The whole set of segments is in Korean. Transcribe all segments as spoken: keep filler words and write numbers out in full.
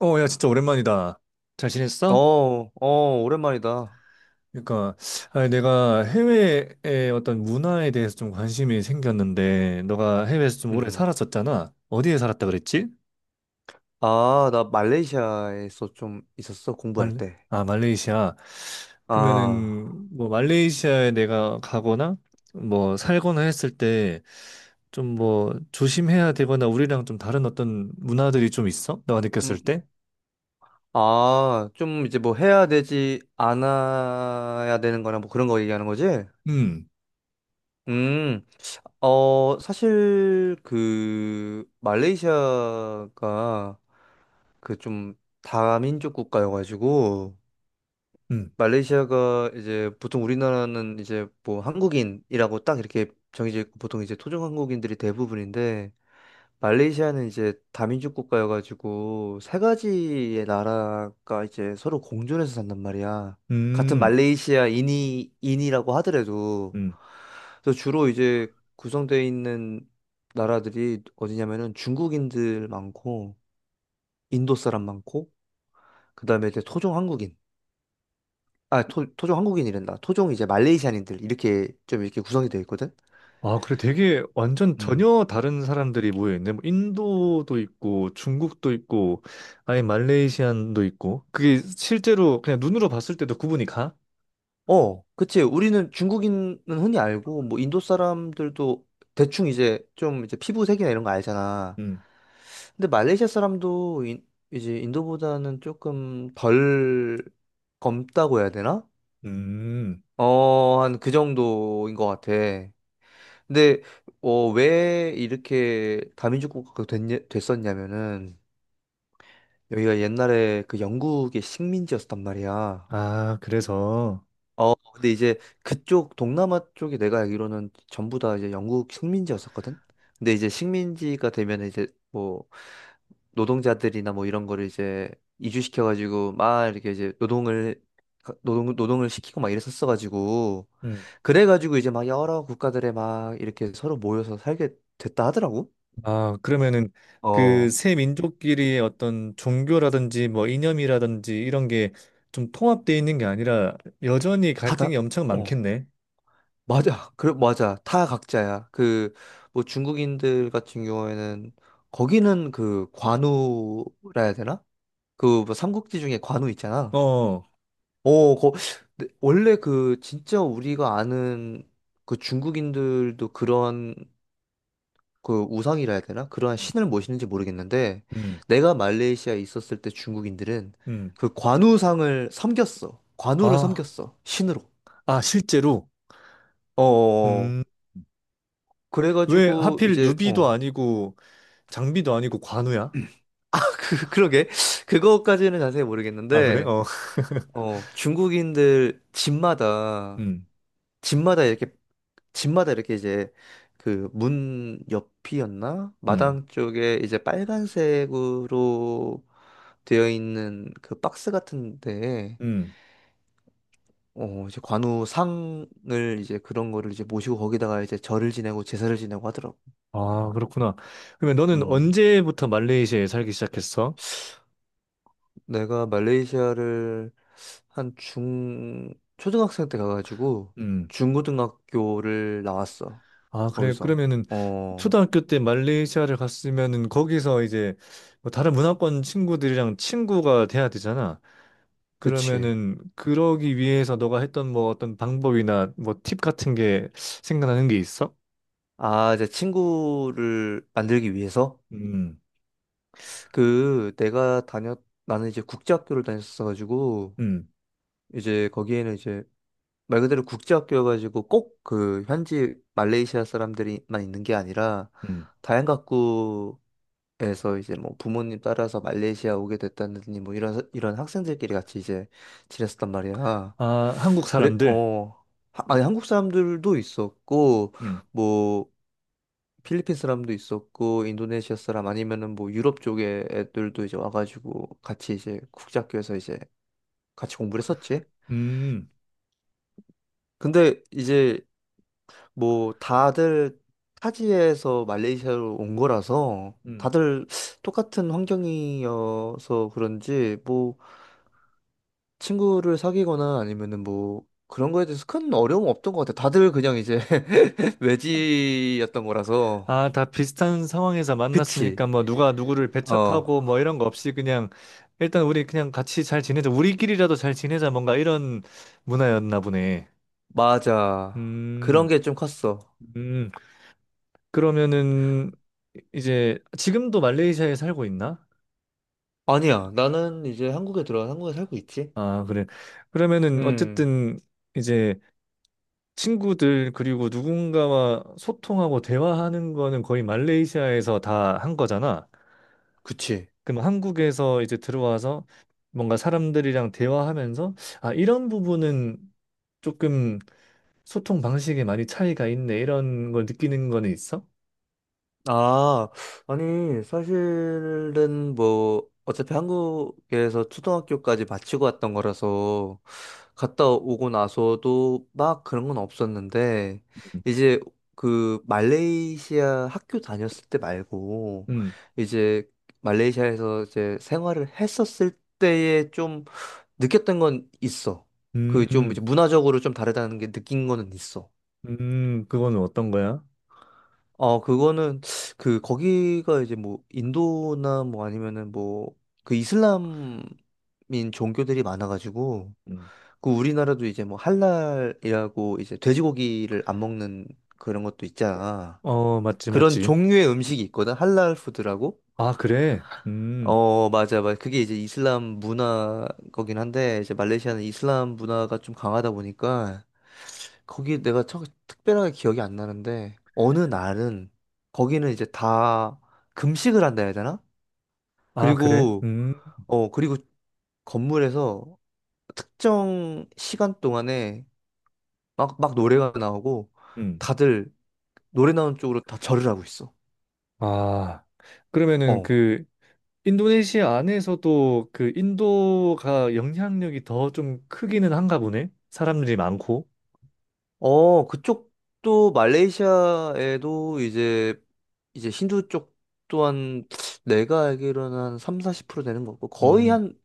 어, 야, 진짜 오랜만이다. 잘 지냈어? 어, 어, 오랜만이다. 그러니까, 아니, 내가 해외의 어떤 문화에 대해서 좀 관심이 생겼는데, 너가 해외에서 좀 오래 음. 살았었잖아. 어디에 살았다 그랬지? 아, 나 말레이시아에서 좀 있었어, 공부할 말, 때. 아, 말레이시아. 아, 그러면은, 뭐, 말레이시아에 내가 가거나, 뭐, 살거나 했을 때, 좀 뭐, 조심해야 되거나, 우리랑 좀 다른 어떤 문화들이 좀 있어? 너가 느꼈을 음, 때? 아, 좀 이제 뭐 해야 되지, 안 해야 되는 거나 뭐 그런 거 얘기하는 거지? 음, 음, 어, 사실 그 말레이시아가 그 좀 다민족 국가여가지고 음, 말레이시아가 이제 보통 우리나라는 이제 뭐 한국인이라고 딱 이렇게 정해져 있고 보통 이제 토종 한국인들이 대부분인데 말레이시아는 이제 다민족 국가여가지고 세 가지의 나라가 이제 서로 공존해서 산단 말이야. 같은 음, 말레이시아인이 인이라고 하더라도 음. 그래서 주로 이제 구성되어 있는 나라들이 어디냐면은 중국인들 많고 인도 사람 많고 그다음에 이제 토종 한국인 아 토, 토종 한국인이란다 토종 이제 말레이시안인들 이렇게 좀 이렇게 구성이 되어 있거든. 아, 그래. 되게 완전 음. 전혀 다른 사람들이 모여있네. 뭐 인도도 있고, 중국도 있고, 아예 말레이시안도 있고. 그게 실제로 그냥 눈으로 봤을 때도 구분이 가? 어, 그치. 우리는 중국인은 흔히 알고, 뭐, 인도 사람들도 대충 이제 좀 이제 피부색이나 이런 거 알잖아. 음. 근데 말레이시아 사람도 인, 이제 인도보다는 조금 덜 검다고 해야 되나? 음. 어, 한 그 정도인 것 같아. 근데, 어, 왜 이렇게 다민족 국가가 됐, 됐었냐면은, 여기가 옛날에 그 영국의 식민지였단 말이야. 아, 그래서. 어, 근데 이제 그쪽 동남아 쪽이 내가 알기로는 전부 다 이제 영국 식민지였었거든. 근데 이제 식민지가 되면 이제 뭐 노동자들이나 뭐 이런 거를 이제 이주시켜가지고 막 이렇게 이제 노동을 가- 노동 노동을 시키고 막 이랬었어가지고 음. 그래가지고 이제 막 여러 국가들에 막 이렇게 서로 모여서 살게 됐다 하더라고. 아, 그러면은 그 어, 세 민족끼리의 어떤 종교라든지 뭐 이념이라든지 이런 게 좀 통합되어 있는 게 아니라 여전히 갈등이 다다. 엄청 많겠네. 맞아. 그래, 맞아. 다 각자야. 그, 뭐 중국인들 같은 경우에는 거기는 그 관우라 해야 되나? 그 뭐 삼국지 중에 관우 있잖아. 어. 어, 거, 근데 원래 그 진짜 우리가 아는 그 중국인들도 그런 그 우상이라 해야 되나? 그러한 신을 모시는지 모르겠는데 음. 내가 말레이시아에 있었을 때 중국인들은 음. 그 관우상을 섬겼어. 관우를 아, 섬겼어. 신으로. 아, 실제로. 어, 어, 어. 왜 그래가지고 하필 이제 유비도 어. 아니고 장비도 아니고 관우야? 아, 그, 그러게. 그거까지는 자세히 아, 그래? 모르겠는데, 어. 어, 중국인들 집마다, 음, 집마다 이렇게, 집마다 이렇게 이제, 그, 문 옆이었나? 음, 마당 쪽에 이제 빨간색으로 되어 있는 그 박스 같은데, 음. 어, 이제 관우 상을 이제 그런 거를 이제 모시고 거기다가 이제 절을 지내고 제사를 지내고 하더라고. 아, 그렇구나. 그러면 너는 음, 언제부터 말레이시아에 살기 시작했어? 내가 말레이시아를 한 중, 초등학생 때 가가지고 음. 중고등학교를 나왔어. 아, 그래. 거기서. 그러면은 어, 초등학교 때 말레이시아를 갔으면은 거기서 이제 뭐 다른 문화권 친구들이랑 친구가 돼야 되잖아. 그치. 그러면은 그러기 위해서 너가 했던 뭐 어떤 방법이나 뭐 팁 같은 게 생각나는 게 있어? 아, 이제 친구를 만들기 위해서? 음, 그, 내가 다녔, 나는 이제 국제학교를 다녔어가지고, 음, 이제 거기에는 이제 말 그대로 국제학교여가지고 꼭 그 현지 말레이시아 사람들이만 있는 게 아니라, 음. 다양각 그래서 이제 뭐 부모님 따라서 말레이시아 오게 됐다느니 뭐 이런 이런 학생들끼리 같이 이제 지냈었단 말이야. 아, 한국 그래 사람들. 어 하- 아니 한국 사람들도 있었고 뭐 필리핀 사람도 있었고 인도네시아 사람 아니면은 뭐 유럽 쪽에 애들도 이제 와가지고 같이 이제 국제학교에서 이제 같이 공부를 했었지. 음, 근데 이제 뭐 다들 타지에서 말레이시아로 온 거라서 음. 다들 똑같은 환경이어서 그런지 뭐 친구를 사귀거나 아니면은 뭐 그런 거에 대해서 큰 어려움 없던 것 같아. 다들 그냥 이제 외지였던 거라서. 아, 다 비슷한 상황에서 그치. 만났으니까 뭐 누가 누구를 어, 배척하고 뭐 이런 거 없이 그냥 일단 우리 그냥 같이 잘 지내자. 우리끼리라도 잘 지내자. 뭔가 이런 문화였나 보네. 맞아. 그런 음, 게 좀 컸어. 음. 그러면은 이제 지금도 말레이시아에 살고 있나? 아니야. 나는 이제 한국에 들어와 한국에 살고 있지. 아, 그래. 그러면은 음, 어쨌든 이제 친구들 그리고 누군가와 소통하고 대화하는 거는 거의 말레이시아에서 다 한 거잖아. 그치. 그럼 한국에서 이제 들어와서 뭔가 사람들이랑 대화하면서 아, 이런 부분은 조금 소통 방식에 많이 차이가 있네. 이런 걸 느끼는 거는 있어? 아, 아니, 사실은 뭐, 어차피 한국에서 초등학교까지 마치고 왔던 거라서, 갔다 오고 나서도 막 그런 건 없었는데, 이제 그 말레이시아 학교 다녔을 때 말고, 음. 이제 말레이시아에서 이제 생활을 했었을 때에 좀 느꼈던 건 있어. 음. 그 좀 음. 문화적으로 좀 다르다는 게 느낀 거는 있어. 음, 그거는 어떤 거야? 어, 그거는, 그, 거기가 이제 뭐, 인도나 뭐 아니면은 뭐, 그 이슬람인 종교들이 많아가지고, 음. 그 우리나라도 이제 뭐, 할랄이라고 이제 돼지고기를 안 먹는 그런 것도 있잖아. 어, 맞지, 그런 맞지. 종류의 음식이 있거든? 할랄 푸드라고? 아, 그래? 음. 어, 맞아, 맞아. 그게 이제 이슬람 문화 거긴 한데, 이제 말레이시아는 이슬람 문화가 좀 강하다 보니까, 거기 내가 척, 특별하게 기억이 안 나는데 어느 날은 거기는 이제 다 금식을 한다 해야 되나? 아, 그래? 그리고 음. 어 그리고 건물에서 특정 시간 동안에 막 막 노래가 나오고 음. 다들 노래 나오는 쪽으로 다 절을 하고 있어. 아. 그러면은 어. 그 인도네시아 안에서도 그 인도가 영향력이 더 좀 크기는 한가 보네. 사람들이 많고. 어, 그쪽도 말레이시아에도 이제 이제 힌두 쪽 또한 내가 알기로는 한 삼, 사십 퍼센트 되는 거고 거의 음. 한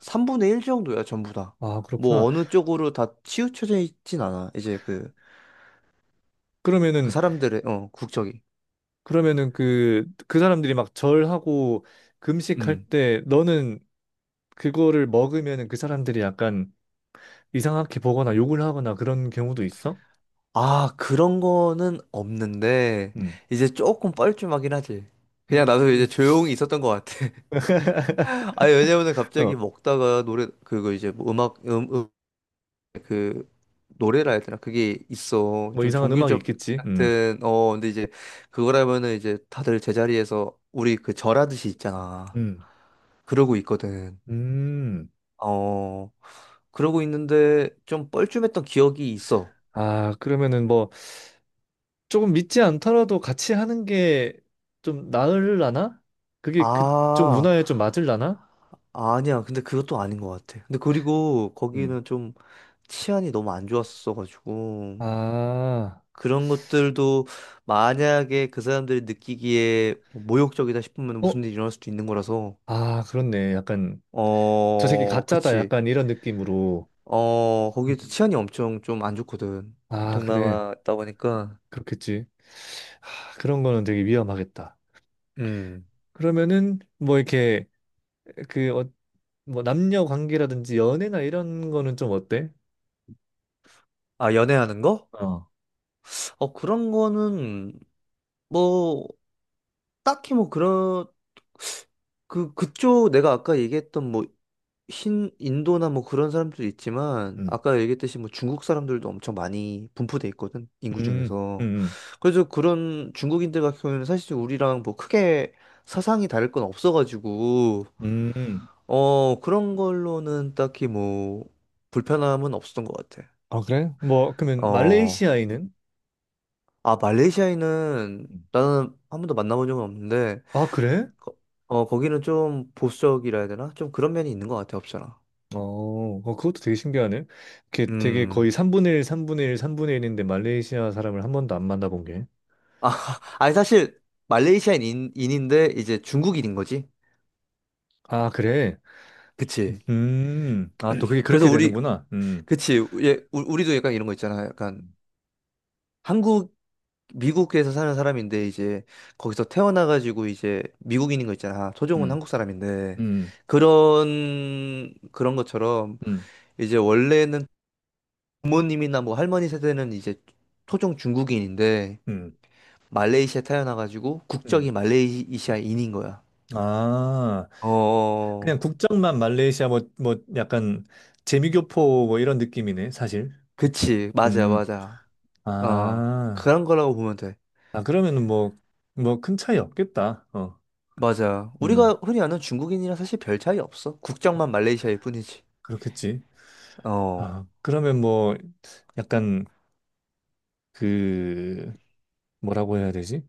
삼분의 일 정도야, 전부 다. 아, 뭐 그렇구나. 어느 쪽으로 다 치우쳐져 있진 않아. 이제 그, 그 그러면은, 사람들의, 어, 국적이. 그러면은 그, 그 사람들이 막 절하고 금식할 음. 때 너는 그거를 먹으면은 그 사람들이 약간 이상하게 보거나 욕을 하거나 그런 경우도 있어? 아, 그런 거는 없는데, 음. 이제 조금 뻘쭘하긴 하지. 그냥 나도 음. 이제 조용히 있었던 것 같아. 아니, 왜냐면은 갑자기 어, 먹다가 노래, 그거 이제 뭐 음악, 음, 음, 그, 노래라 해야 되나? 그게 있어. 뭐 좀 이상한 음악이 종교적 있겠지. 음. 같은, 어, 근데 이제 그거라면은 이제 다들 제자리에서 우리 그 절하듯이 있잖아. 음. 그러고 있거든. 음. 어, 그러고 있는데 좀 뻘쭘했던 기억이 있어. 아, 그러면은 뭐 조금 믿지 않더라도 같이 하는 게 좀 나으려나? 그게 그쪽 아, 문화에 좀 맞으려나? 아니야. 근데 그것도 아닌 것 같아. 근데 그리고 음. 거기는 좀 치안이 너무 안 좋았어가지고 아. 그런 것들도 만약에 그 사람들이 느끼기에 뭐 모욕적이다 싶으면 어? 무슨 일이 일어날 수도 있는 거라서 아, 그렇네. 약간 저 새끼 어, 가짜다 그치. 약간 이런 느낌으로 어, 거기도 음. 치안이 엄청 좀 안 좋거든. 아 그래 동남아 있다 보니까. 그렇겠지 아, 그런 거는 되게 위험하겠다. 음. 그러면은 뭐 이렇게 그 어, 뭐 남녀 관계라든지 연애나 이런 거는 좀 어때? 아, 연애하는 거? 어. 어, 그런 거는 뭐 딱히 뭐 그런 그 그쪽 내가 아까 얘기했던 뭐 흰 인도나 뭐 그런 사람들도 있지만 음. 아까 얘기했듯이 뭐 중국 사람들도 엄청 많이 분포돼 있거든 인구 음, 중에서 음, 그래서 그런 중국인들 같은 경우에는 사실 우리랑 뭐 크게 사상이 다를 건 없어가지고 음. 음. 어 그런 걸로는 딱히 뭐 불편함은 없었던 것 같아 아, 그래? 뭐, 그러면 어 말레이시아인은? 아 말레이시아인은 음. 나는 한 번도 만나본 적은 없는데 아, 그래? 거- 어, 거기는 좀 보수적이라 해야 되나? 좀 그런 면이 있는 것 같아, 없잖아. 어, 어, 그것도 되게 신기하네. 이렇게 되게 음. 거의 삼분의 일, 삼분의 일, 삼분의 일인데 말레이시아 사람을 한 번도 안 만나본 게. 아, 아니, 사실, 말레이시아인인데, 이제 중국인인 거지? 아, 그래? 그치. 음, 아, 또 그게 그래서 그렇게 우리, 되는구나. 음, 그치. 예, 우- 우리도 약간 이런 거 있잖아. 약간, 음. 한국, 미국에서 사는 사람인데, 이제, 거기서 태어나가지고, 이제, 미국인인 거 있잖아. 토종은 음, 한국 사람인데. 음, 그런, 그런 것처럼, 음, 이제, 원래는 부모님이나 뭐 할머니 세대는 이제, 토종 중국인인데, 음, 말레이시아 태어나가지고 국적이 음. 말레이시아인인 거야. 아, 어, 어, 그냥 어. 국적만 말레이시아 뭐, 뭐 약간 재미교포 뭐 이런 느낌이네, 사실. 그치. 맞아, 음, 맞아. 어, 아, 그런 거라고 보면 돼. 아, 그러면은 뭐, 뭐 큰 차이 없겠다. 어, 맞아. 음, 우리가 흔히 아는 중국인이랑 사실 별 차이 없어. 국적만 말레이시아일 뿐이지. 그렇겠지. 어, 아, 그러면 뭐 약간 그, 뭐라고 해야 되지?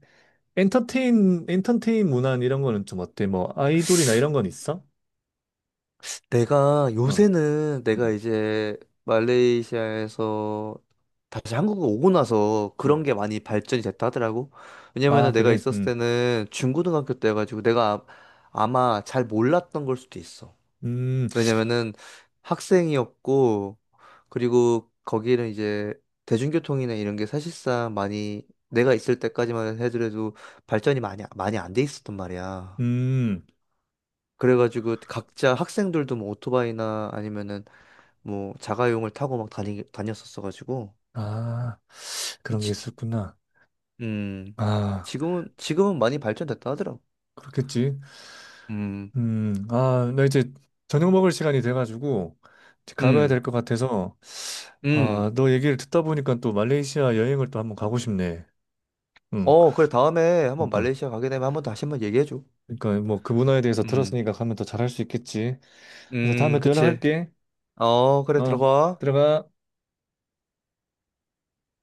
엔터테인, 엔터테인 문화 이런 거는 좀 어때? 뭐 아이돌이나 이런 건 있어? 내가 어, 요새는 내가 음. 이제 말레이시아에서 다시 한국에 오고 나서 그런 음. 게 많이 발전이 됐다 하더라고. 아, 왜냐면은 내가 그래. 있었을 음. 때는 중고등학교 때여가지고 내가 아, 아마 잘 몰랐던 걸 수도 있어. 음. 왜냐면은 학생이었고, 그리고 거기는 이제 대중교통이나 이런 게 사실상 많이 내가 있을 때까지만 해도 발전이 많이, 많이 안 돼 있었단 말이야. 음. 그래가지고 각자 학생들도 뭐 오토바이나 아니면은 뭐 자가용을 타고 막 다니, 다녔었어가지고. 아, 그런 게 지, 있었구나. 음, 아, 지금은, 지금은 많이 발전됐다 하더라고. 그렇겠지. 음, 음. 아, 나 이제 저녁 먹을 시간이 돼 가지고 이제 가봐야 음, 될 것 같아서 음. 아, 너 얘기를 듣다 보니까 또 말레이시아 여행을 또 한번 가고 싶네. 응. 어, 그래. 다음에 한번 그러니까. 말레이시아 가게 되면 한번 다시 한번 얘기해줘. 그러니까 뭐 그 문화에 대해서 음, 들었으니까 가면 더 잘할 수 있겠지. 그래서 음, 다음에 또 그치. 연락할게. 어, 그래, 어. 들어가. 들어가.